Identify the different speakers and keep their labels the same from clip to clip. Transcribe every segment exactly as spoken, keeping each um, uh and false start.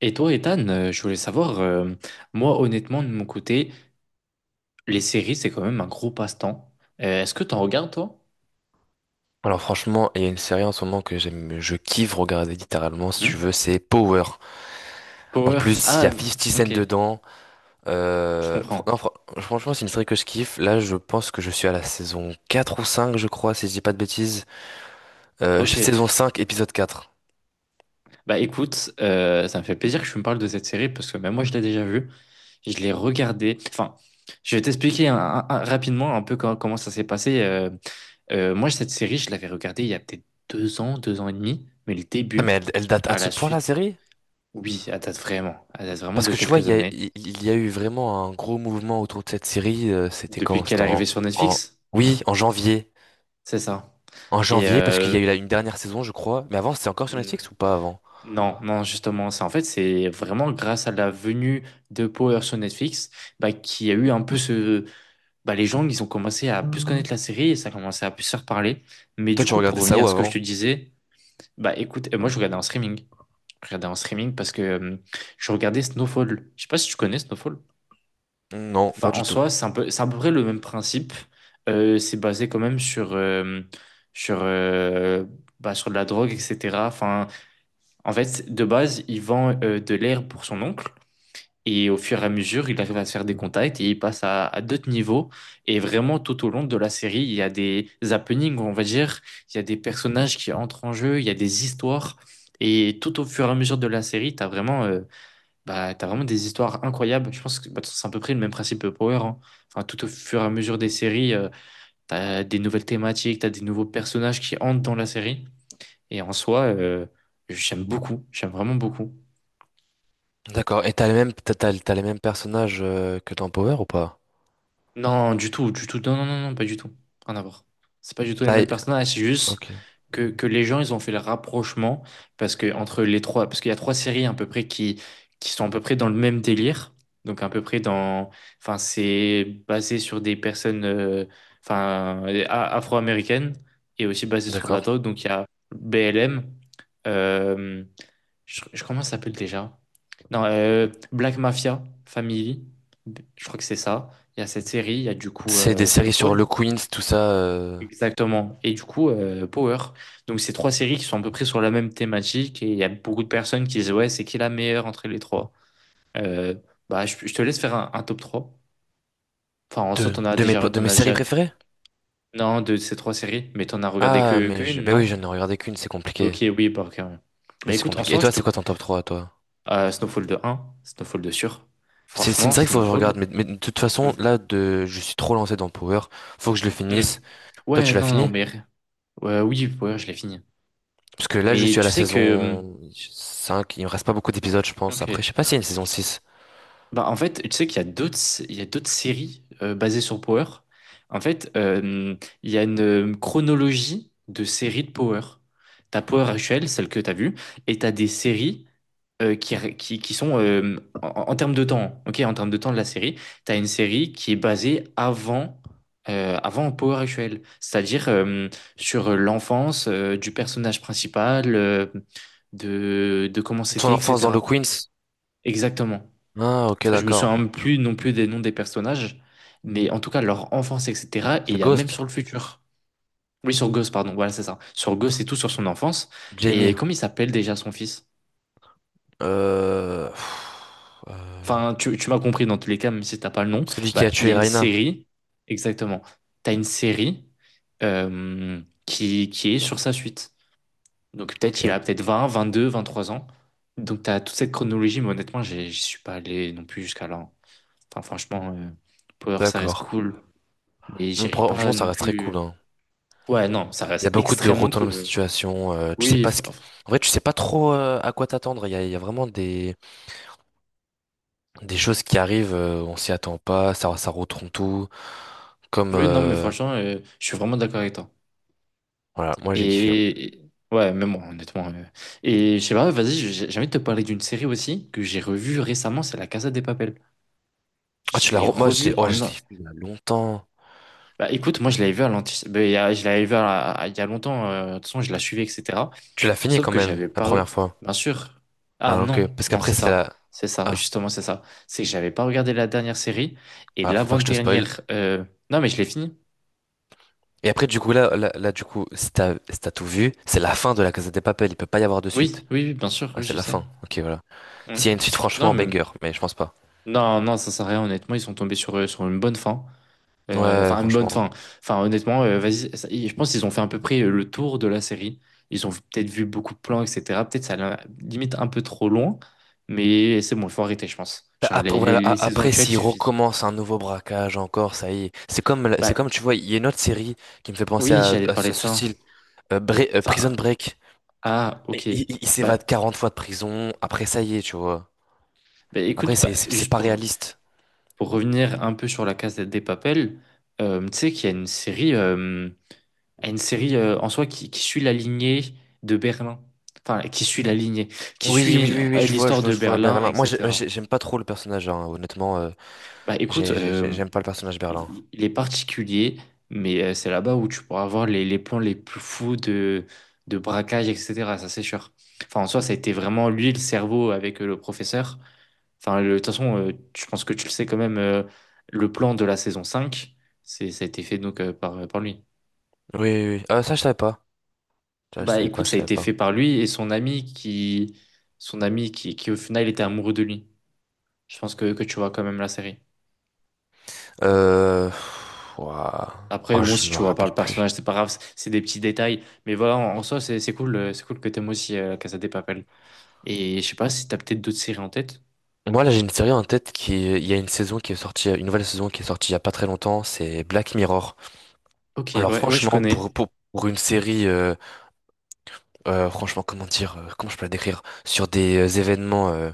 Speaker 1: Et toi, Ethan, euh, je voulais savoir, euh, moi, honnêtement, de mon côté, les séries, c'est quand même un gros passe-temps. Euh, est-ce que t'en regardes, toi?
Speaker 2: Alors franchement, il y a une série en ce moment que j'aime, je kiffe regarder littéralement, si tu veux,
Speaker 1: Hmm.
Speaker 2: c'est Power. En
Speaker 1: Power.
Speaker 2: plus, il y
Speaker 1: Ah,
Speaker 2: a 50
Speaker 1: ok,
Speaker 2: Cent dedans.
Speaker 1: je
Speaker 2: Euh, fr- non,
Speaker 1: comprends.
Speaker 2: fr- franchement, c'est une série que je kiffe. Là, je pense que je suis à la saison quatre ou cinq, je crois, si je dis pas de bêtises. Euh,
Speaker 1: Ok,
Speaker 2: saison cinq, épisode quatre.
Speaker 1: bah écoute, euh, ça me fait plaisir que tu me parles de cette série parce que même moi, je l'ai déjà vue. Je l'ai regardée. Enfin, je vais t'expliquer un- un- un- rapidement un peu co- comment ça s'est passé. Euh, euh, moi, cette série, je l'avais regardée il y a peut-être deux ans, deux ans et demi, mais le
Speaker 2: Ah, mais
Speaker 1: début,
Speaker 2: elle, elle date à
Speaker 1: à
Speaker 2: ce
Speaker 1: la
Speaker 2: point la
Speaker 1: suite,
Speaker 2: série?
Speaker 1: oui, elle date vraiment. Elle date vraiment
Speaker 2: Parce
Speaker 1: de
Speaker 2: que tu vois, il
Speaker 1: quelques
Speaker 2: y a,
Speaker 1: années.
Speaker 2: il il y a eu vraiment un gros mouvement autour de cette série. euh, C'était
Speaker 1: Depuis
Speaker 2: quand?
Speaker 1: qu'elle est
Speaker 2: C'était
Speaker 1: arrivée
Speaker 2: en,
Speaker 1: sur
Speaker 2: en...
Speaker 1: Netflix,
Speaker 2: Oui, en janvier.
Speaker 1: c'est ça.
Speaker 2: En
Speaker 1: Et
Speaker 2: janvier, parce qu'il y
Speaker 1: euh,
Speaker 2: a eu là une dernière saison, je crois. Mais avant, c'était encore sur
Speaker 1: hmm,
Speaker 2: Netflix ou pas avant?
Speaker 1: non, non, justement, c'est en fait, c'est vraiment grâce à la venue de Power sur Netflix, bah, qu'il y a eu un peu ce, bah, les gens, ils ont commencé à plus connaître la série et ça a commencé à plus se reparler. Mais
Speaker 2: Toi,
Speaker 1: du
Speaker 2: tu
Speaker 1: coup, pour
Speaker 2: regardais ça
Speaker 1: revenir
Speaker 2: où
Speaker 1: à ce que je te
Speaker 2: avant?
Speaker 1: disais, bah, écoute, euh, moi, je regardais en streaming. Je regardais en streaming parce que euh, je regardais Snowfall. Je sais pas si tu connais Snowfall.
Speaker 2: Non, pas
Speaker 1: Enfin, en
Speaker 2: du tout.
Speaker 1: soi, c'est un peu, c'est à peu près le même principe. Euh, c'est basé quand même sur, euh, sur, euh, bah, sur de la drogue, et cetera. Enfin, en fait, de base, il vend euh, de l'air pour son oncle. Et au fur et à mesure, il arrive à se faire des contacts et il passe à, à d'autres niveaux. Et vraiment, tout au long de la série, il y a des happenings, on va dire. Il y a des personnages qui entrent en jeu, il y a des histoires. Et tout au fur et à mesure de la série, tu as vraiment euh, bah, t'as vraiment des histoires incroyables. Je pense que bah, c'est à peu près le même principe que Power, hein. Enfin, tout au fur et à mesure des séries, euh, t'as des nouvelles thématiques, t'as des nouveaux personnages qui entrent dans la série. Et en soi, euh, j'aime beaucoup. J'aime vraiment beaucoup.
Speaker 2: D'accord. Et t'as les mêmes, t'as, t'as- t'as les mêmes personnages euh, que dans Power ou pas?
Speaker 1: Non, du tout, du tout. Non, non, non, non, pas du tout. Rien à voir. C'est pas du tout les
Speaker 2: Ah,
Speaker 1: mêmes
Speaker 2: et-
Speaker 1: personnages. C'est juste
Speaker 2: ok.
Speaker 1: que, que les gens, ils ont fait le rapprochement parce que entre les trois, parce qu'il y a trois séries à peu près qui, qui sont à peu près dans le même délire. Donc à peu près dans, enfin, c'est basé sur des personnes, euh, enfin, euh, a- afro-américaines et aussi basé sur de la
Speaker 2: D'accord.
Speaker 1: drogue. Donc il y a B L M. Je, je- comment ça s'appelle déjà? Non, euh, Black Mafia Family. Je crois que c'est ça. Il y a cette série, il y a du coup
Speaker 2: C'est des
Speaker 1: euh,
Speaker 2: séries sur
Speaker 1: Snowfall.
Speaker 2: le Queens, tout ça. Euh,
Speaker 1: Exactement. Et du coup, euh, Power. Donc, c'est trois séries qui sont à peu près sur la même thématique. Et il y a beaucoup de personnes qui disent, ouais, c'est qui la meilleure entre les trois? Euh, bah, je, je te laisse faire un, un top trois. Enfin, en soi,
Speaker 2: de,
Speaker 1: t'en as
Speaker 2: de mes,
Speaker 1: déjà,
Speaker 2: po- de
Speaker 1: t'en
Speaker 2: mes
Speaker 1: as
Speaker 2: séries
Speaker 1: déjà,
Speaker 2: préférées?
Speaker 1: non, de ces trois séries, mais t'en as regardé
Speaker 2: Ah,
Speaker 1: que, que
Speaker 2: mais je,
Speaker 1: une,
Speaker 2: ben oui,
Speaker 1: non?
Speaker 2: je n'ai regardé qu'une, c'est compliqué.
Speaker 1: Ok, oui, bah, ok, ouais.
Speaker 2: Mais
Speaker 1: Bah,
Speaker 2: c'est
Speaker 1: écoute, en
Speaker 2: compliqué. Et
Speaker 1: soi, je
Speaker 2: toi,
Speaker 1: te,
Speaker 2: c'est quoi
Speaker 1: cou-
Speaker 2: ton top trois, toi?
Speaker 1: Euh, Snowfall de un, Snowfall de sûr.
Speaker 2: C'est c'est une
Speaker 1: Franchement,
Speaker 2: série qu'il faut que je regarde,
Speaker 1: Snowfall.
Speaker 2: mais, mais de toute façon,
Speaker 1: v-
Speaker 2: là, de, je suis trop lancé dans Power. Faut que je le finisse.
Speaker 1: hmm.
Speaker 2: Toi,
Speaker 1: Ouais,
Speaker 2: tu l'as
Speaker 1: non, non,
Speaker 2: fini?
Speaker 1: mais, ouais, oui, ouais, je l'ai fini.
Speaker 2: Parce que là, je
Speaker 1: Mais
Speaker 2: suis à
Speaker 1: tu
Speaker 2: la
Speaker 1: sais que. Hmm.
Speaker 2: saison cinq. Il me reste pas beaucoup d'épisodes, je pense. Après, je
Speaker 1: Ok.
Speaker 2: sais pas s'il y a une saison six.
Speaker 1: Bah, en fait, tu sais qu'il y a d'autres, il y a d'autres séries euh, basées sur Power. En fait, euh, il y a une chronologie de séries de Power. T'as Power actuelle, celle que t'as vue, et t'as des séries euh, qui, qui, qui sont euh, en, en termes de temps, ok, en termes de temps de la série, t'as une série qui est basée avant, euh, avant Power actuelle, c'est-à-dire euh, sur l'enfance euh, du personnage principal, euh, de, de comment
Speaker 2: Ton
Speaker 1: c'était,
Speaker 2: enfance dans le
Speaker 1: et cetera.
Speaker 2: Queens?
Speaker 1: Exactement.
Speaker 2: Ah, ok,
Speaker 1: Enfin, je me souviens
Speaker 2: d'accord.
Speaker 1: même plus non plus des noms des personnages, mais en tout cas leur enfance, et cetera. Et il
Speaker 2: C'est
Speaker 1: y a même
Speaker 2: Ghost,
Speaker 1: sur le futur. Oui, sur Ghost, pardon, voilà, c'est ça. Sur Ghost et tout, sur son enfance. Et
Speaker 2: Jamie,
Speaker 1: comment il s'appelle déjà son fils?
Speaker 2: euh, pff, euh,
Speaker 1: Enfin, tu, tu m'as compris dans tous les cas, même si t'as pas le nom.
Speaker 2: celui qui a
Speaker 1: Bah, il y a
Speaker 2: tué
Speaker 1: une
Speaker 2: Raina.
Speaker 1: série, exactement. T'as une série euh, qui, qui est sur sa suite. Donc
Speaker 2: Ok,
Speaker 1: peut-être il a peut-être vingt, vingt-deux, vingt-trois ans. Donc t'as toute cette chronologie, mais honnêtement, j'ai- j'y suis pas allé non plus jusqu'à là. Enfin, franchement, euh, Power, ça reste
Speaker 2: d'accord.
Speaker 1: cool. Mais
Speaker 2: Bon,
Speaker 1: j'irai pas
Speaker 2: franchement, ça
Speaker 1: non
Speaker 2: reste très cool,
Speaker 1: plus.
Speaker 2: hein.
Speaker 1: Ouais, non, ça
Speaker 2: Il y a
Speaker 1: reste
Speaker 2: beaucoup de
Speaker 1: extrêmement
Speaker 2: retournements
Speaker 1: cool,
Speaker 2: de
Speaker 1: même.
Speaker 2: situation. Euh, tu sais
Speaker 1: Oui,
Speaker 2: pas
Speaker 1: fr-
Speaker 2: ce qui—
Speaker 1: fr-
Speaker 2: En vrai, tu sais pas trop euh, à quoi t'attendre. Il y a, il y a vraiment des, des choses qui arrivent, euh, on s'y attend pas, ça, ça retourne tout. Comme
Speaker 1: oui, non, mais
Speaker 2: euh,
Speaker 1: franchement, euh, je suis vraiment d'accord avec toi.
Speaker 2: voilà, moi j'ai kiffé.
Speaker 1: Et et- ouais, même moi, honnêtement. euh. Et je sais pas, vas-y, j'ai j'ai envie de te parler d'une série aussi que j'ai revue récemment, c'est La Casa de Papel.
Speaker 2: Ah,
Speaker 1: Je
Speaker 2: tu l'as,
Speaker 1: l'ai
Speaker 2: re- moi j'ai,
Speaker 1: revue
Speaker 2: oh, je
Speaker 1: en. un-
Speaker 2: l'ai fait il y a longtemps.
Speaker 1: Bah écoute, moi je l'avais vue à l'anti... bah, il y a- je l'avais vue à- à- il y a longtemps, euh, de toute façon je la suivais, et cetera.
Speaker 2: Tu l'as fini
Speaker 1: Sauf
Speaker 2: quand
Speaker 1: que
Speaker 2: même
Speaker 1: j'avais
Speaker 2: la
Speaker 1: pas...
Speaker 2: première fois.
Speaker 1: Bien sûr. Ah
Speaker 2: Ah, ok.
Speaker 1: non,
Speaker 2: Parce
Speaker 1: non,
Speaker 2: qu'après
Speaker 1: c'est
Speaker 2: c'est
Speaker 1: ça.
Speaker 2: la.
Speaker 1: C'est ça,
Speaker 2: Ah,
Speaker 1: justement, c'est ça. C'est que j'avais pas regardé la dernière série et
Speaker 2: ah, faut pas que je te spoil.
Speaker 1: l'avant-dernière... euh, Non, mais je l'ai fini.
Speaker 2: Et après, du coup, là, là, là, du coup, si t'as, si t'as tout vu, c'est la fin de la Casa des Papel. Il peut pas y avoir de suite.
Speaker 1: Oui, oui, oui, bien sûr,
Speaker 2: Ah,
Speaker 1: oui,
Speaker 2: c'est
Speaker 1: je
Speaker 2: la
Speaker 1: sais.
Speaker 2: fin. Ok, voilà.
Speaker 1: Mm.
Speaker 2: S'il y a une suite,
Speaker 1: Non,
Speaker 2: franchement,
Speaker 1: mais...
Speaker 2: banger, mais je pense pas.
Speaker 1: Non, non, ça sert à rien, honnêtement. Ils sont tombés sur, euh, sur une bonne fin. Euh,
Speaker 2: Ouais,
Speaker 1: Enfin, une bonne
Speaker 2: franchement.
Speaker 1: fin. Enfin, honnêtement, euh, vas-y. ça- Je pense qu'ils ont fait à peu près euh, le tour de la série. Ils ont peut-être vu beaucoup de plans, et cetera. Peut-être ça l'a- limite un peu trop loin. Mais c'est bon, il faut arrêter, je pense. Genre,
Speaker 2: Après,
Speaker 1: les, les
Speaker 2: voilà,
Speaker 1: les
Speaker 2: a-
Speaker 1: saisons
Speaker 2: après,
Speaker 1: actuelles
Speaker 2: s'il
Speaker 1: suffisent.
Speaker 2: recommence un nouveau braquage encore, ça y est. C'est comme, la-
Speaker 1: Bah,
Speaker 2: c'est comme, tu vois, il y a une autre série qui me fait penser
Speaker 1: oui,
Speaker 2: à,
Speaker 1: j'allais
Speaker 2: à ce
Speaker 1: parler
Speaker 2: à
Speaker 1: de
Speaker 2: ce
Speaker 1: ça.
Speaker 2: style, euh, Bre- euh, Prison
Speaker 1: Enfin,
Speaker 2: Break.
Speaker 1: ah, ok.
Speaker 2: Et Il, il- il
Speaker 1: Bah,
Speaker 2: s'évade quarante fois de prison. Après, ça y est, tu vois.
Speaker 1: bah,
Speaker 2: Après,
Speaker 1: écoute, bah,
Speaker 2: c'est, c'est c'est
Speaker 1: juste
Speaker 2: pas
Speaker 1: pour,
Speaker 2: réaliste.
Speaker 1: pour revenir un peu sur la case des Papel, euh, tu sais qu'il y a une série, euh, une série euh, en soi qui, qui suit la lignée de Berlin. Enfin, qui suit la lignée, qui
Speaker 2: Oui, oui,
Speaker 1: suit
Speaker 2: oui, oui,
Speaker 1: euh,
Speaker 2: je vois, je
Speaker 1: l'histoire
Speaker 2: vois,
Speaker 1: de
Speaker 2: je vois,
Speaker 1: Berlin,
Speaker 2: Berlin. Moi, j'ai-
Speaker 1: et cetera.
Speaker 2: j'ai- j'aime pas trop le personnage, hein, honnêtement. Euh,
Speaker 1: Bah, écoute,
Speaker 2: J'ai, j'ai- j'ai-
Speaker 1: euh,
Speaker 2: j'aime pas le personnage Berlin.
Speaker 1: il il est particulier, mais euh, c'est là-bas où tu pourras avoir les, les plans les plus fous de, de braquage, et cetera. Ça, c'est sûr. Enfin, en soi, ça a été vraiment lui le cerveau avec euh, le professeur. Enfin, le- de toute façon, euh, je pense que tu le sais quand même, euh, le plan de la saison cinq c'est, ça a été fait donc euh, par, par lui.
Speaker 2: Oui, oui, oui. Ah, ça, je savais pas. Ça, je
Speaker 1: Bah
Speaker 2: savais pas,
Speaker 1: écoute,
Speaker 2: je
Speaker 1: ça a
Speaker 2: savais
Speaker 1: été
Speaker 2: pas.
Speaker 1: fait par lui et son ami qui, son ami qui, qui au final était amoureux de lui. Je pense que, que tu vois quand même la série.
Speaker 2: Euh... Ouah.
Speaker 1: Après,
Speaker 2: Oh,
Speaker 1: bon,
Speaker 2: je
Speaker 1: si
Speaker 2: me
Speaker 1: tu vois pas
Speaker 2: rappelle
Speaker 1: le
Speaker 2: plus.
Speaker 1: personnage, c'est pas grave, c'est c'est des petits détails. Mais voilà, en, en soi, c'est c'est cool, euh, c'est cool que t'aimes aussi euh, Casa de Papel. Et je sais pas si t'as peut-être d'autres séries en tête.
Speaker 2: Moi, là, j'ai une série en tête qui... Il y a une saison qui est sortie, une nouvelle saison qui est sortie il y a pas très longtemps, c'est Black Mirror.
Speaker 1: Ok,
Speaker 2: Alors,
Speaker 1: ouais, ouais, je
Speaker 2: franchement, pour,
Speaker 1: connais.
Speaker 2: pour, pour une série, euh, euh, franchement, comment dire, euh, comment je peux la décrire? Sur des euh, événements euh,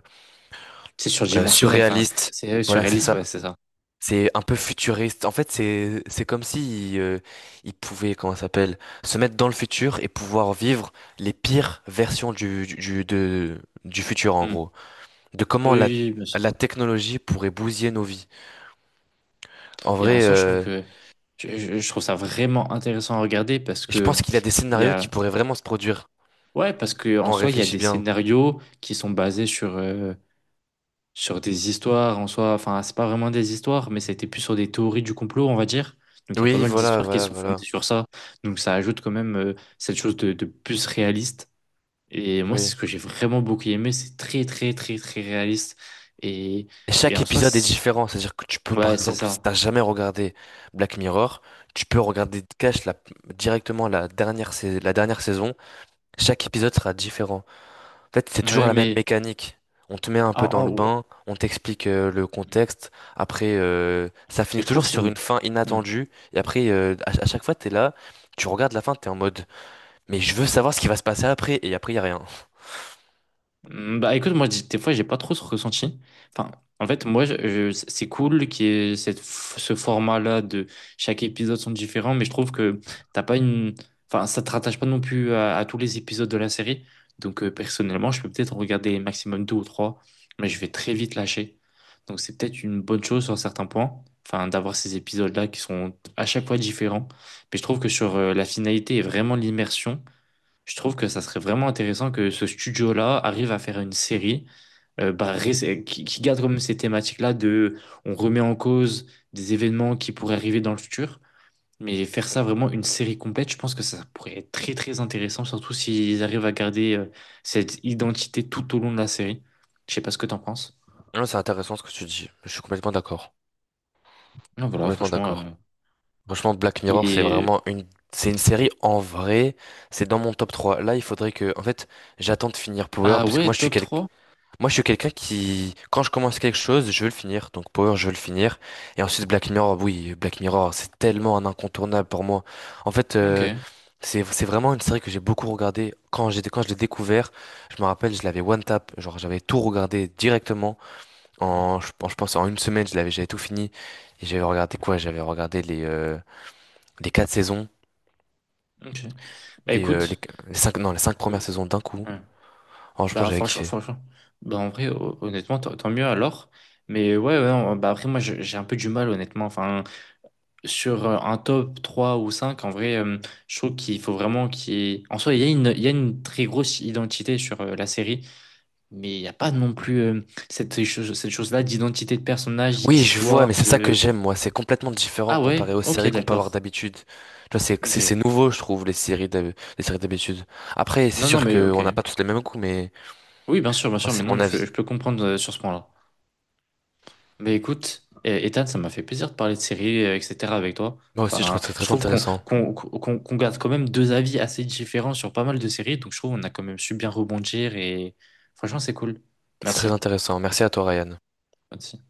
Speaker 1: C'est
Speaker 2: euh,
Speaker 1: surdimensionnel, enfin,
Speaker 2: surréalistes.
Speaker 1: c'est euh,
Speaker 2: Voilà, c'est
Speaker 1: surréaliste,
Speaker 2: ça.
Speaker 1: ouais, c'est ça.
Speaker 2: C'est un peu futuriste. En fait, c'est c'est comme si euh, ils pouvaient, comment ça s'appelle, se mettre dans le futur et pouvoir vivre les pires versions du du du- de, du futur en
Speaker 1: Hmm.
Speaker 2: gros. De comment
Speaker 1: Oui,
Speaker 2: la
Speaker 1: oui, oui, bien sûr.
Speaker 2: la technologie pourrait bousiller nos vies. En
Speaker 1: Et en
Speaker 2: vrai,
Speaker 1: soi, je trouve
Speaker 2: euh,
Speaker 1: que je, je- je trouve ça vraiment intéressant à regarder parce
Speaker 2: je
Speaker 1: que
Speaker 2: pense qu'il y a des
Speaker 1: il y
Speaker 2: scénarios
Speaker 1: a
Speaker 2: qui pourraient vraiment se produire
Speaker 1: ouais, parce que en
Speaker 2: quand on
Speaker 1: soi il y a
Speaker 2: réfléchit
Speaker 1: des
Speaker 2: bien.
Speaker 1: scénarios qui sont basés sur euh, sur des histoires en soi. Enfin, c'est pas vraiment des histoires, mais c'était plus sur des théories du complot, on va dire. Donc il y a pas
Speaker 2: Oui,
Speaker 1: mal
Speaker 2: voilà,
Speaker 1: d'histoires qui
Speaker 2: voilà,
Speaker 1: sont
Speaker 2: voilà.
Speaker 1: fondées sur ça. Donc ça ajoute quand même euh, cette chose de, de plus réaliste. Et moi, c'est
Speaker 2: Oui.
Speaker 1: ce que j'ai vraiment beaucoup aimé. C'est très très très très réaliste. Et
Speaker 2: Et
Speaker 1: et
Speaker 2: chaque
Speaker 1: en soi,
Speaker 2: épisode est
Speaker 1: c'est-
Speaker 2: différent, c'est-à-dire que tu peux, par
Speaker 1: ouais, c'est
Speaker 2: exemple, si
Speaker 1: ça.
Speaker 2: t'as jamais regardé Black Mirror, tu peux regarder Cash la, directement la dernière, sais- la dernière saison. Chaque épisode sera différent. En fait, c'est toujours
Speaker 1: Ouais,
Speaker 2: la même
Speaker 1: mais
Speaker 2: mécanique. On te met un peu
Speaker 1: en-
Speaker 2: dans
Speaker 1: en-
Speaker 2: le
Speaker 1: ouais,
Speaker 2: bain, on t'explique euh, le contexte. Après, euh, ça
Speaker 1: mais
Speaker 2: finit
Speaker 1: je trouve
Speaker 2: toujours
Speaker 1: que c'est
Speaker 2: sur
Speaker 1: une.
Speaker 2: une fin inattendue. Et après, euh, à, à chaque fois, t'es là, tu regardes la fin, t'es en mode, mais je veux savoir ce qui va se passer après. Et après, y a rien.
Speaker 1: Mm. Bah écoute, moi des fois j'ai pas trop ce ressenti. Enfin, en fait, moi je- je- c'est cool qu'il y ait cette, ce format-là de chaque épisode sont différents, mais je trouve que t'as pas une. Enfin, ça te rattache pas non plus à, à tous les épisodes de la série. Donc euh, personnellement, je peux peut-être en regarder maximum deux ou trois, mais je vais très vite lâcher. Donc c'est peut-être une bonne chose sur certains points, enfin d'avoir ces épisodes-là qui sont à chaque fois différents. Mais je trouve que sur euh, la finalité et vraiment l'immersion. Je trouve que ça serait vraiment intéressant que ce studio-là arrive à faire une série euh, bah, ré- qui, qui garde comme ces thématiques-là de on remet en cause des événements qui pourraient arriver dans le futur, mais faire ça vraiment une série complète, je pense que ça pourrait être très très intéressant, surtout s'ils arrivent à garder euh, cette identité tout au long de la série. Je sais pas ce que t'en penses.
Speaker 2: Non, c'est intéressant ce que tu dis. Je suis complètement d'accord.
Speaker 1: Non, voilà,
Speaker 2: Complètement
Speaker 1: franchement. euh,
Speaker 2: d'accord. Franchement, Black Mirror, c'est
Speaker 1: Et...
Speaker 2: vraiment une, c'est une série en vrai. C'est dans mon top trois. Là, il faudrait que, en fait, j'attends de finir Power
Speaker 1: Ah
Speaker 2: parce que moi,
Speaker 1: ouais,
Speaker 2: je suis
Speaker 1: top
Speaker 2: quelqu'un.
Speaker 1: trois.
Speaker 2: Moi, je suis quelqu'un qui, quand je commence quelque chose, je veux le finir. Donc Power, je veux le finir. Et ensuite Black Mirror, oui, Black Mirror, c'est tellement un incontournable pour moi. En fait,
Speaker 1: Ok.
Speaker 2: euh, c'est c'est vraiment une série que j'ai beaucoup regardée. Quand j'étais quand je l'ai découvert, je me rappelle, je l'avais one tap, genre j'avais tout regardé directement.
Speaker 1: Mmh.
Speaker 2: En, je, pense je pense en une semaine, je l'avais j'avais tout fini. Et j'avais regardé quoi? J'avais regardé les euh, les quatre saisons
Speaker 1: Ok. Bah
Speaker 2: et euh, les,
Speaker 1: écoute.
Speaker 2: les cinq, non, les cinq
Speaker 1: euh,
Speaker 2: premières saisons d'un coup.
Speaker 1: ouais.
Speaker 2: Franchement,
Speaker 1: Bah,
Speaker 2: j'avais
Speaker 1: franchement,
Speaker 2: kiffé.
Speaker 1: franchement. Bah, en vrai, ho- honnêtement, tant tant mieux alors. Mais ouais, ouais, non, bah après, moi, je- j'ai un peu du mal, honnêtement. Enfin, sur euh, un top trois ou cinq en vrai, euh, je trouve qu'il faut vraiment. qu'il y ait- En soi, il y a une, il y a une très grosse identité sur euh, la série, mais il n'y a pas non plus euh, cette, chose- cette chose-là d'identité de personnage,
Speaker 2: Oui, je vois,
Speaker 1: d'histoire,
Speaker 2: mais c'est ça que
Speaker 1: de...
Speaker 2: j'aime, moi. C'est complètement différent
Speaker 1: Ah
Speaker 2: comparé
Speaker 1: ouais?
Speaker 2: aux
Speaker 1: Ok,
Speaker 2: séries qu'on peut avoir
Speaker 1: d'accord.
Speaker 2: d'habitude. Tu vois, c'est,
Speaker 1: Ok.
Speaker 2: c'est, c'est nouveau, je trouve, les séries d'hab- les séries d'habitude. Après, c'est
Speaker 1: Non, non,
Speaker 2: sûr
Speaker 1: mais ok.
Speaker 2: qu'on n'a pas tous les mêmes goûts, mais
Speaker 1: Oui, bien sûr, bien
Speaker 2: moi,
Speaker 1: sûr, mais
Speaker 2: c'est
Speaker 1: non,
Speaker 2: mon
Speaker 1: mais je,
Speaker 2: avis.
Speaker 1: je peux comprendre euh, sur ce point-là. Mais écoute, euh, Ethan, ça m'a fait plaisir de parler de séries, euh, et cetera avec toi.
Speaker 2: Moi aussi, je
Speaker 1: Enfin,
Speaker 2: trouve que c'est
Speaker 1: je
Speaker 2: très
Speaker 1: trouve qu'on
Speaker 2: intéressant.
Speaker 1: qu'on, qu'on, qu'on garde quand même deux avis assez différents sur pas mal de séries, donc je trouve qu'on a quand même su bien rebondir et franchement, c'est cool.
Speaker 2: C'est très
Speaker 1: Merci.
Speaker 2: intéressant. Merci à toi, Ryan.
Speaker 1: Merci.